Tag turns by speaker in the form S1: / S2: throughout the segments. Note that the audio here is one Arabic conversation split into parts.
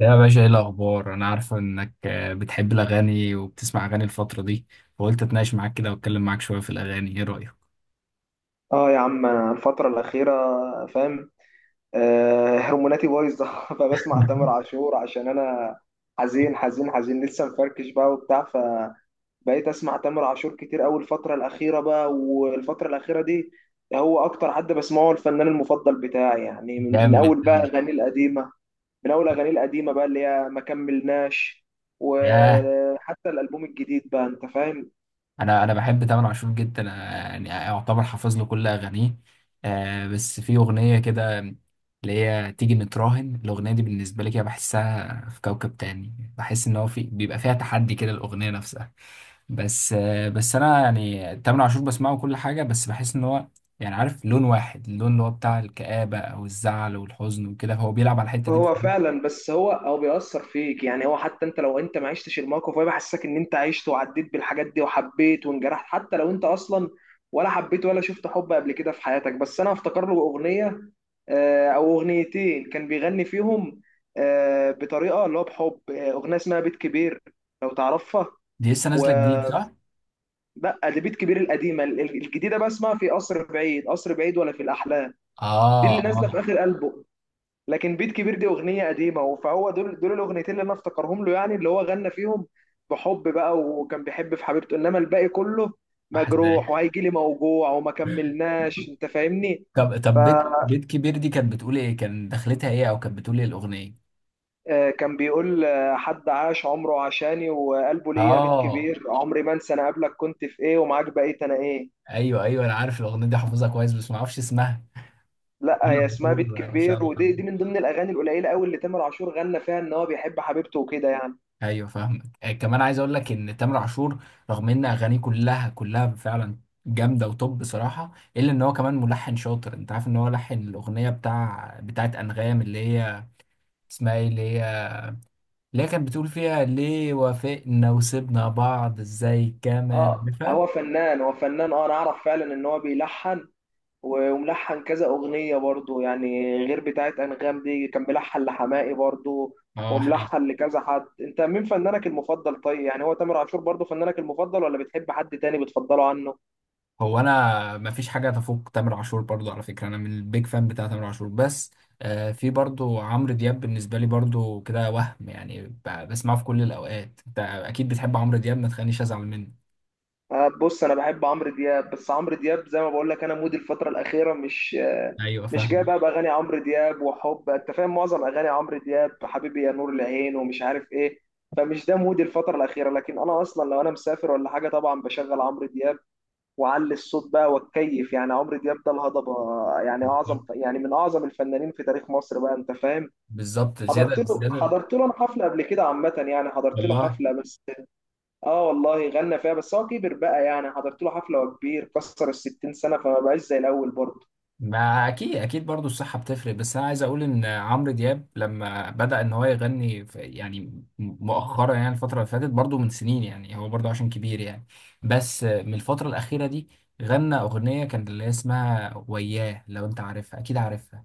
S1: يا باشا، ايه الاخبار؟ انا عارفه انك بتحب الاغاني وبتسمع اغاني الفتره دي، فقلت اتناقش معاك كده واتكلم معاك شويه في الاغاني. ايه رايك؟
S2: اه يا عم، انا الفترة الأخيرة فاهم، هرموناتي بايظة فبسمع تامر عاشور عشان انا حزين حزين حزين لسه مفركش بقى وبتاع. فبقيت اسمع تامر عاشور كتير أوي الفترة الأخيرة بقى، والفترة الأخيرة دي هو اكتر حد بسمعه، الفنان المفضل بتاعي يعني من
S1: جامد
S2: اول بقى
S1: أوي.
S2: اغانيه القديمة. من اول اغانيه القديمة بقى اللي هي ما كملناش،
S1: ياه،
S2: وحتى الألبوم الجديد بقى انت فاهم.
S1: انا بحب تامر عاشور جدا. أنا يعني اعتبر حافظ له كل اغانيه. بس في اغنيه كده اللي هي تيجي نتراهن، الاغنيه دي بالنسبه لي كده بحسها في كوكب تاني، بحس ان هو في بيبقى فيها تحدي كده الاغنيه نفسها. بس انا يعني تامر عاشور بسمعه كل حاجه، بس بحس ان هو يعني عارف لون واحد، اللون اللي هو بتاع الكآبة او الزعل والحزن، وكده هو بيلعب على الحته دي.
S2: هو فعلا، بس هو بيأثر فيك، يعني هو حتى انت لو انت ما عشتش الموقف هو بيحسسك ان انت عشت وعديت بالحاجات دي وحبيت وانجرحت، حتى لو انت اصلا ولا حبيت ولا شفت حب قبل كده في حياتك. بس انا افتكر له اغنية، او اغنيتين كان بيغني فيهم، بطريقة اللي هو بحب، اغنية اسمها بيت كبير، لو تعرفها.
S1: دي لسه
S2: و
S1: نازله جديد صح؟
S2: لا، دي بيت كبير القديمة، الجديدة بقى اسمها في قصر بعيد، قصر بعيد ولا في الأحلام. دي
S1: اه
S2: اللي نازلة في
S1: اه.
S2: آخر ألبوم، لكن بيت كبير دي اغنيه قديمه، فهو دول الاغنيتين اللي انا افتكرهم له، يعني اللي هو غنى فيهم بحب بقى، وكان بيحب في حبيبته، انما الباقي كله
S1: بحس
S2: مجروح
S1: ده.
S2: وهيجي لي موجوع وما كملناش انت فاهمني.
S1: طب بيت كبير دي كانت بتقول ايه؟ كان دخلتها ايه، او كانت بتقول ايه الاغنيه؟
S2: فكان بيقول حد عاش عمره عشاني وقلبه ليا بيت
S1: اه،
S2: كبير، عمري ما انسى انا قبلك كنت في ايه ومعاك بقيت انا ايه.
S1: ايوه ايوه، انا عارف الاغنيه دي، حافظها كويس بس ما اعرفش اسمها.
S2: لا، هي
S1: تامر
S2: اسمها
S1: عاشور،
S2: بيت
S1: ما شاء
S2: كبير،
S1: الله
S2: ودي
S1: عليه.
S2: من ضمن الاغاني القليله قوي اللي تامر عاشور غنى فيها ان هو بيحب حبيبته وكده يعني.
S1: ايوه فاهمك. كمان عايز اقول لك ان تامر عاشور، رغم ان اغانيه كلها كلها فعلا جامده، وطب بصراحه الا ان هو كمان ملحن شاطر. انت عارف ان هو لحن الاغنيه بتاعت انغام، اللي هي اسمها ايه، اللي هي كانت بتقول فيها ليه وافقنا وسيبنا بعض ازاي، كمان
S2: اه،
S1: عارفها.
S2: هو فنان، اه انا اعرف فعلا ان هو بيلحن، وملحن كذا اغنيه برضو، يعني غير بتاعت انغام دي كان بيلحن لحماقي برضو،
S1: اه،
S2: وملحن لكذا حد. انت مين فنانك المفضل؟ طيب يعني هو تامر عاشور برضو فنانك المفضل، ولا بتحب حد تاني بتفضله عنه؟
S1: انا مفيش حاجه تفوق تامر عاشور برضو. على فكره انا من البيج فان بتاع تامر عاشور. بس في برضو عمرو دياب بالنسبه لي برضو كده، وهم يعني بسمعه في كل الاوقات. انت اكيد بتحب عمرو دياب، ما تخلينيش ازعل منه.
S2: بص، انا بحب عمرو دياب، بس عمرو دياب زي ما بقول لك انا مودي الفتره الاخيره مش
S1: ايوه
S2: مش جاي
S1: فاهم.
S2: بقى باغاني عمرو دياب وحب، انت فاهم، معظم اغاني عمرو دياب حبيبي يا نور العين ومش عارف ايه. فمش ده مودي الفتره الاخيره، لكن انا اصلا لو انا مسافر ولا حاجه طبعا بشغل عمرو دياب واعلي الصوت بقى واتكيف. يعني عمرو دياب ده الهضبه، يعني اعظم يعني من اعظم الفنانين في تاريخ مصر بقى انت فاهم.
S1: بالظبط، زياده
S2: حضرت له
S1: زياده.
S2: حضرت له انا حفله قبل كده عامه، يعني حضرت له
S1: والله؟
S2: حفله، بس اه والله غنى فيها، بس هو كبر بقى، يعني حضرت له حفله وهو كبير، كسر ال 60 سنه، فما بقاش زي الاول برضه.
S1: ما اكيد اكيد، برضو الصحه بتفرق. بس انا عايز اقول ان عمرو دياب لما بدا ان هو يغني يعني مؤخرا، يعني الفتره اللي فاتت برضو من سنين، يعني هو برضو عشان كبير يعني. بس من الفتره الاخيره دي غنى اغنيه كان اللي هي اسمها وياه، لو انت عارفها اكيد عارفها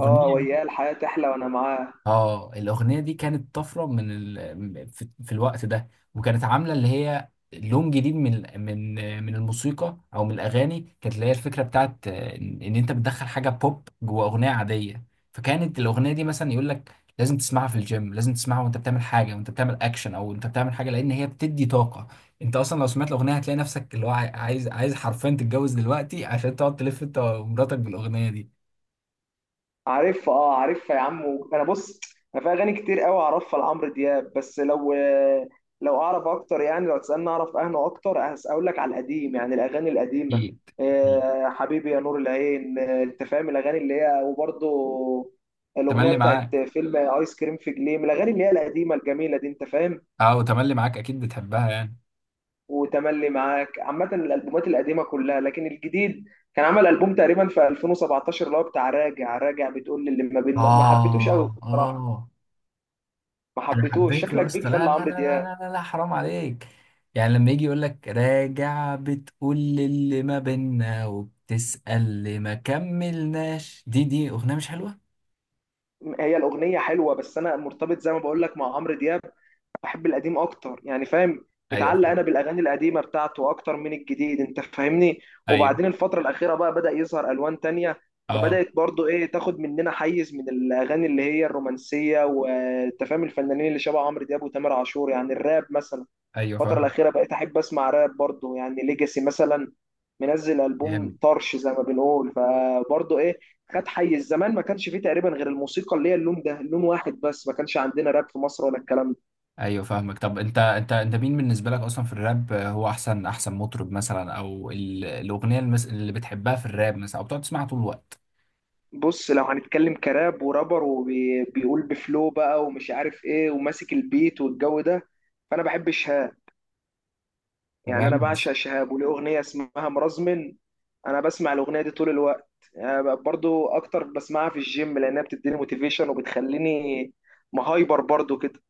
S2: اه وياه الحياه تحلى وانا معاه.
S1: اه، الاغنيه دي كانت طفره في الوقت ده، وكانت عامله اللي هي لون جديد من الموسيقى او من الاغاني. كانت اللي هي الفكره بتاعت ان إن انت بتدخل حاجه بوب جوه اغنيه عاديه. فكانت الاغنيه دي مثلا يقول لك لازم تسمعها في الجيم، لازم تسمعها وانت بتعمل حاجه، وانت بتعمل اكشن او انت بتعمل حاجه، لان هي بتدي طاقه. انت اصلا لو سمعت الاغنيه هتلاقي نفسك اللي هو عايز عايز حرفيا تتجوز دلوقتي عشان تقعد تلف انت ومراتك بالاغنيه دي.
S2: عارف، اه عارفها يا عم. انا بص، انا في اغاني كتير قوي اعرفها لعمرو دياب، بس لو اعرف اكتر يعني، لو تسالني اعرف اهنا اكتر اقول لك على القديم، يعني الاغاني القديمه،
S1: اكيد اكيد.
S2: آه حبيبي يا نور العين، انت فاهم الاغاني اللي هي، وبرضه الاغنيه
S1: تملي معاك.
S2: بتاعت فيلم ايس كريم في جليم، الاغاني اللي هي القديمه الجميله دي انت فاهم.
S1: اه، وتملي معاك اكيد بتحبها يعني.
S2: وتملي معاك، عامة الألبومات القديمة كلها، لكن الجديد كان عمل ألبوم تقريبا في 2017 اللي هو بتاع راجع راجع، بتقول للي ما بيننا، ما حبيتوش قوي
S1: آه
S2: بصراحة،
S1: آه.
S2: ما
S1: أنا
S2: حبيتوش،
S1: حبيته يا
S2: شكلك بيك
S1: اسطى،
S2: فان
S1: لا لا لا
S2: لعمرو دياب.
S1: لا لا, لا حرام عليك. يعني لما يجي يقول لك راجع، بتقول اللي ما بينا، وبتسأل اللي ما كملناش، دي أغنية مش حلوة؟
S2: هي الأغنية حلوة، بس أنا مرتبط زي ما بقول لك مع عمرو دياب بحب القديم اكتر يعني، فاهم؟
S1: ايوه
S2: متعلق
S1: فاهم.
S2: انا بالاغاني القديمه بتاعته اكتر من الجديد انت فاهمني.
S1: ايوه.
S2: وبعدين الفتره الاخيره بقى بدا يظهر الوان تانية،
S1: اه
S2: فبدات برضو ايه تاخد مننا حيز من الاغاني اللي هي الرومانسيه، وانت فاهم الفنانين اللي شبه عمرو دياب وتامر عاشور، يعني الراب مثلا.
S1: ايوه
S2: الفتره
S1: فاهم.
S2: الاخيره بقيت احب اسمع راب برضو، يعني ليجاسي مثلا، منزل
S1: جامد.
S2: البوم طرش زي ما بنقول، فبرضو ايه خد حيز. زمان ما كانش فيه تقريبا غير الموسيقى اللي هي اللون ده، لون واحد بس، ما كانش عندنا راب في مصر ولا الكلام.
S1: ايوه فاهمك. طب انت انت مين بالنسبه لك اصلا في الراب؟ هو احسن احسن مطرب مثلا، او الاغنيه اللي بتحبها في الراب مثلا، او بتقعد تسمعها طول الوقت؟
S2: بص، لو هنتكلم كراب ورابر وبيقول بفلو بقى ومش عارف ايه وماسك البيت والجو ده، فانا بحب شهاب. يعني انا
S1: تمام.
S2: بعشق شهاب وليه اغنيه اسمها مرزمن، انا بسمع الاغنيه دي طول الوقت يعني، برضو اكتر بسمعها في الجيم لانها بتديني موتيفيشن وبتخليني مهايبر برضو كده.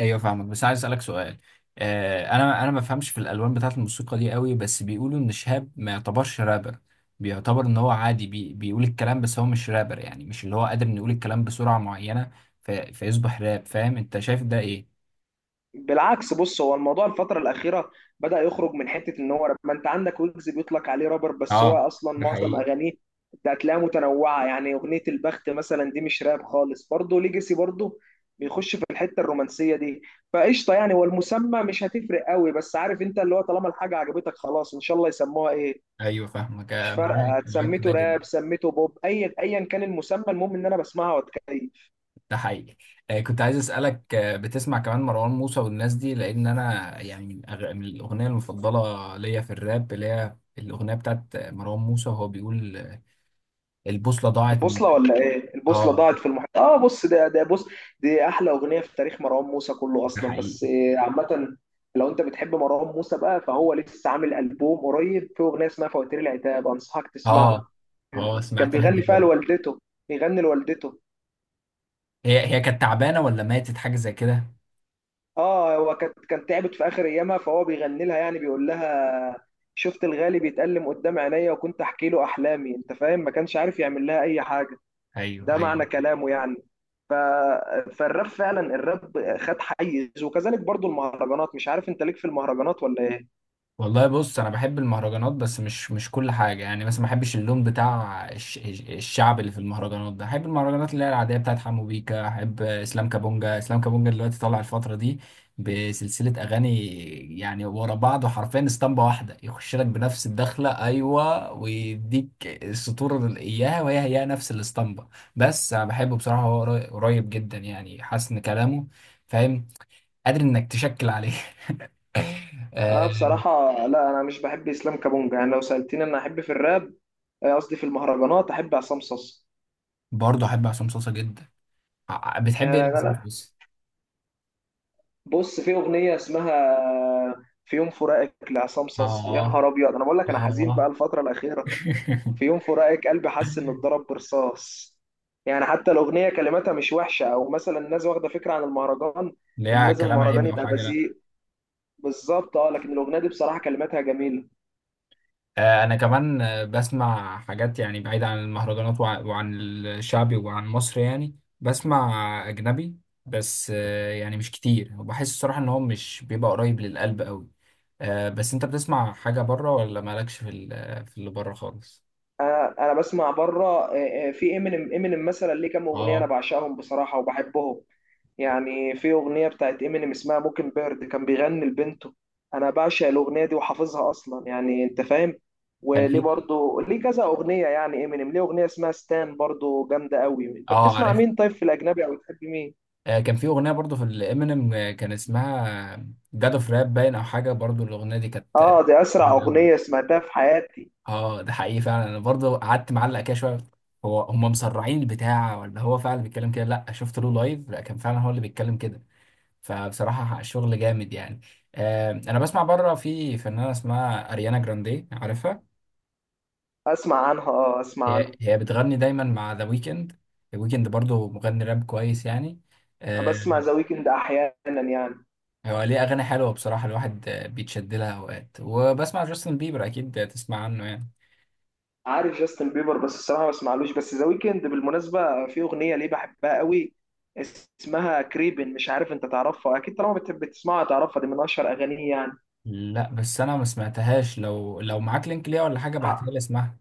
S1: ايوه فاهمك، بس عايز اسالك سؤال. انا ما بفهمش في الالوان بتاعه الموسيقى دي قوي، بس بيقولوا ان شهاب ما يعتبرش رابر، بيعتبر ان هو عادي بيقول الكلام، بس هو مش رابر، يعني مش اللي هو قادر انه يقول الكلام بسرعه معينه فيصبح راب. فاهم؟ انت شايف ده ايه؟
S2: بالعكس، بص، هو الموضوع الفترة الأخيرة بدأ يخرج من حتة إن هو راب، ما أنت عندك ويجز بيطلق عليه رابر، بس هو
S1: اه،
S2: أصلا
S1: ده
S2: معظم
S1: حقيقي.
S2: أغانيه أنت هتلاقيها متنوعة. يعني أغنية البخت مثلا دي مش راب خالص، برضه ليجاسي برضه بيخش في الحتة الرومانسية دي. فقشطة يعني، والمسمى مش هتفرق قوي، بس عارف أنت اللي هو طالما الحاجة عجبتك خلاص إن شاء الله يسموها إيه.
S1: ايوه فاهمك.
S2: مش
S1: معاك
S2: فارقة،
S1: معاك في
S2: سميته
S1: ده جدا.
S2: راب سميته بوب، أي أيا كان المسمى المهم إن أنا بسمعها وأتكيف.
S1: ده حقيقي. كنت عايز اسالك، بتسمع كمان مروان موسى والناس دي؟ لان انا يعني من الاغنيه المفضله ليا في الراب، اللي هي الاغنيه بتاعت مروان موسى، وهو بيقول البوصلة ضاعت من.
S2: البوصلة ولا ايه؟ البوصلة
S1: اه،
S2: ضاعت في المحيط. اه بص، ده بص، دي احلى اغنية في تاريخ مروان موسى كله
S1: ده
S2: اصلا، بس
S1: حقيقي.
S2: عامة لو انت بتحب مروان موسى بقى فهو لسه عامل ألبوم قريب، فيه اغنية اسمها فواتير العتاب، انصحك تسمعها.
S1: اه اه،
S2: كان
S1: سمعتها دي
S2: بيغني فيها
S1: برضه.
S2: لوالدته، بيغني لوالدته.
S1: هي كانت تعبانة ولا ماتت حاجة زي كده؟
S2: اه، هو كان تعبت في اخر ايامها فهو بيغني لها، يعني بيقول لها شفت الغالي بيتألم قدام عينيا وكنت احكي له احلامي، انت فاهم، ما كانش عارف يعمل لها اي حاجة.
S1: ايوه
S2: ده معنى
S1: ايوه.
S2: كلامه يعني. ف... فالراب فعلا، الراب خد حيز، وكذلك برضو المهرجانات. مش عارف انت ليك في المهرجانات ولا ايه.
S1: والله بص، انا بحب المهرجانات، بس مش كل حاجه. يعني مثلا ما بحبش اللون بتاع الشعب اللي في المهرجانات ده. بحب المهرجانات اللي هي العاديه بتاعت حمو بيكا. احب اسلام كابونجا. اسلام كابونجا دلوقتي طالع الفتره دي بسلسله اغاني، يعني ورا بعض، وحرفيا اسطمبه واحده، يخش لك بنفس الدخله، ايوه، ويديك السطور اللي اياها، وهي نفس الاسطمبه. بس انا بحبه بصراحه، هو قريب جدا، يعني حاسس ان كلامه، فاهم، قادر انك تشكل عليه.
S2: انا بصراحة لا، انا مش بحب اسلام كابونجا. يعني لو سألتني انا احب في الراب قصدي في المهرجانات، احب عصام صاصا.
S1: برضه احب عصام صاصا جدا.
S2: يعني
S1: بتحب ايه لعصام
S2: انا،
S1: صاصا؟
S2: بص، في اغنية اسمها في يوم فراقك لعصام صاصا، يا
S1: اه
S2: نهار ابيض، انا بقول لك انا حزين بقى
S1: اه.
S2: الفترة الأخيرة. في يوم فراقك قلبي حس انه اتضرب برصاص. يعني حتى الاغنيه كلماتها مش وحشه، او مثلا الناس واخده فكره عن المهرجان ان
S1: ليه،
S2: لازم
S1: كلام عيب
S2: المهرجان
S1: او
S2: يبقى
S1: حاجه؟ لا.
S2: بذيء. بالظبط، اه، لكن الاغنيه دي بصراحه كلماتها جميله.
S1: انا كمان بسمع حاجات، يعني بعيدة عن المهرجانات وعن الشعبي وعن مصر. يعني بسمع اجنبي، بس يعني مش كتير، وبحس الصراحه ان هو مش بيبقى قريب للقلب قوي. بس انت بتسمع حاجه بره، ولا مالكش في اللي بره خالص؟
S2: انا بسمع بره، في امينيم، امينيم مثلا ليه كام اغنيه انا
S1: اه،
S2: بعشقهم بصراحه وبحبهم. يعني في اغنيه بتاعت امينيم اسمها موكن بيرد كان بيغني لبنته، انا بعشق الاغنيه دي وحافظها اصلا يعني، انت فاهم.
S1: كان
S2: وليه
S1: في،
S2: برضو ليه كذا اغنيه، يعني امينيم ليه اغنيه اسمها ستان برضو جامده قوي. انت
S1: اه،
S2: بتسمع
S1: عارف.
S2: مين طيب في الاجنبي، او بتحب مين؟
S1: كان في اغنيه برضو في الامينيم، كان اسمها جاد اوف راب باين او حاجه. برضو الاغنيه دي كانت
S2: اه دي اسرع
S1: جامدة
S2: اغنيه
S1: أوي.
S2: سمعتها في حياتي.
S1: اه ده حقيقي فعلا، انا برضو قعدت معلق كده شويه، هو هم مسرعين البتاع ولا هو فعلا بيتكلم كده؟ لا، شفت له لايف، لا كان فعلا هو اللي بيتكلم كده. فبصراحه شغل جامد يعني. انا بسمع بره في فنانه اسمها اريانا جراندي، عارفها؟
S2: اسمع عنها، اه اسمع
S1: هي
S2: عنها.
S1: هي بتغني دايما مع ذا ويكند. ذا ويكند برضو مغني راب كويس يعني. آه،
S2: بسمع ذا ويكند احيانا يعني.
S1: هو ليه أغاني حلوة بصراحة، الواحد بيتشد لها أوقات. وبسمع جاستن بيبر، أكيد تسمع عنه يعني.
S2: عارف جاستن بيبر بس الصراحه ما بسمعلوش، بس ذا ويكند بالمناسبه في اغنيه ليه بحبها قوي، اسمها كريبن، مش عارف انت تعرفها، اكيد طالما بتسمعها تعرفها، دي من اشهر اغانيه يعني.
S1: لا بس أنا ما سمعتهاش، لو معاك لينك ليها ولا حاجة، ابعتها
S2: ه-
S1: لي اسمعها.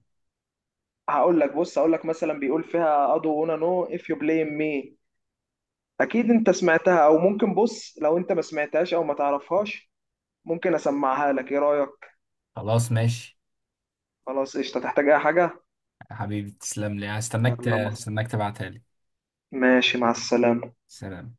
S2: هقول لك، بص هقول لك مثلا بيقول فيها ادو انا نو اف يو بلاي مي. اكيد انت سمعتها، او ممكن بص، لو انت ما سمعتهاش او ما تعرفهاش ممكن اسمعها لك، ايه رايك؟
S1: خلاص ماشي.
S2: خلاص قشطه. تحتاج اي حاجه؟
S1: يا حبيبي تسلم لي، هستناك
S2: يلا مصر.
S1: هستناك تبعتها لي.
S2: ماشي، مع السلامه.
S1: سلام.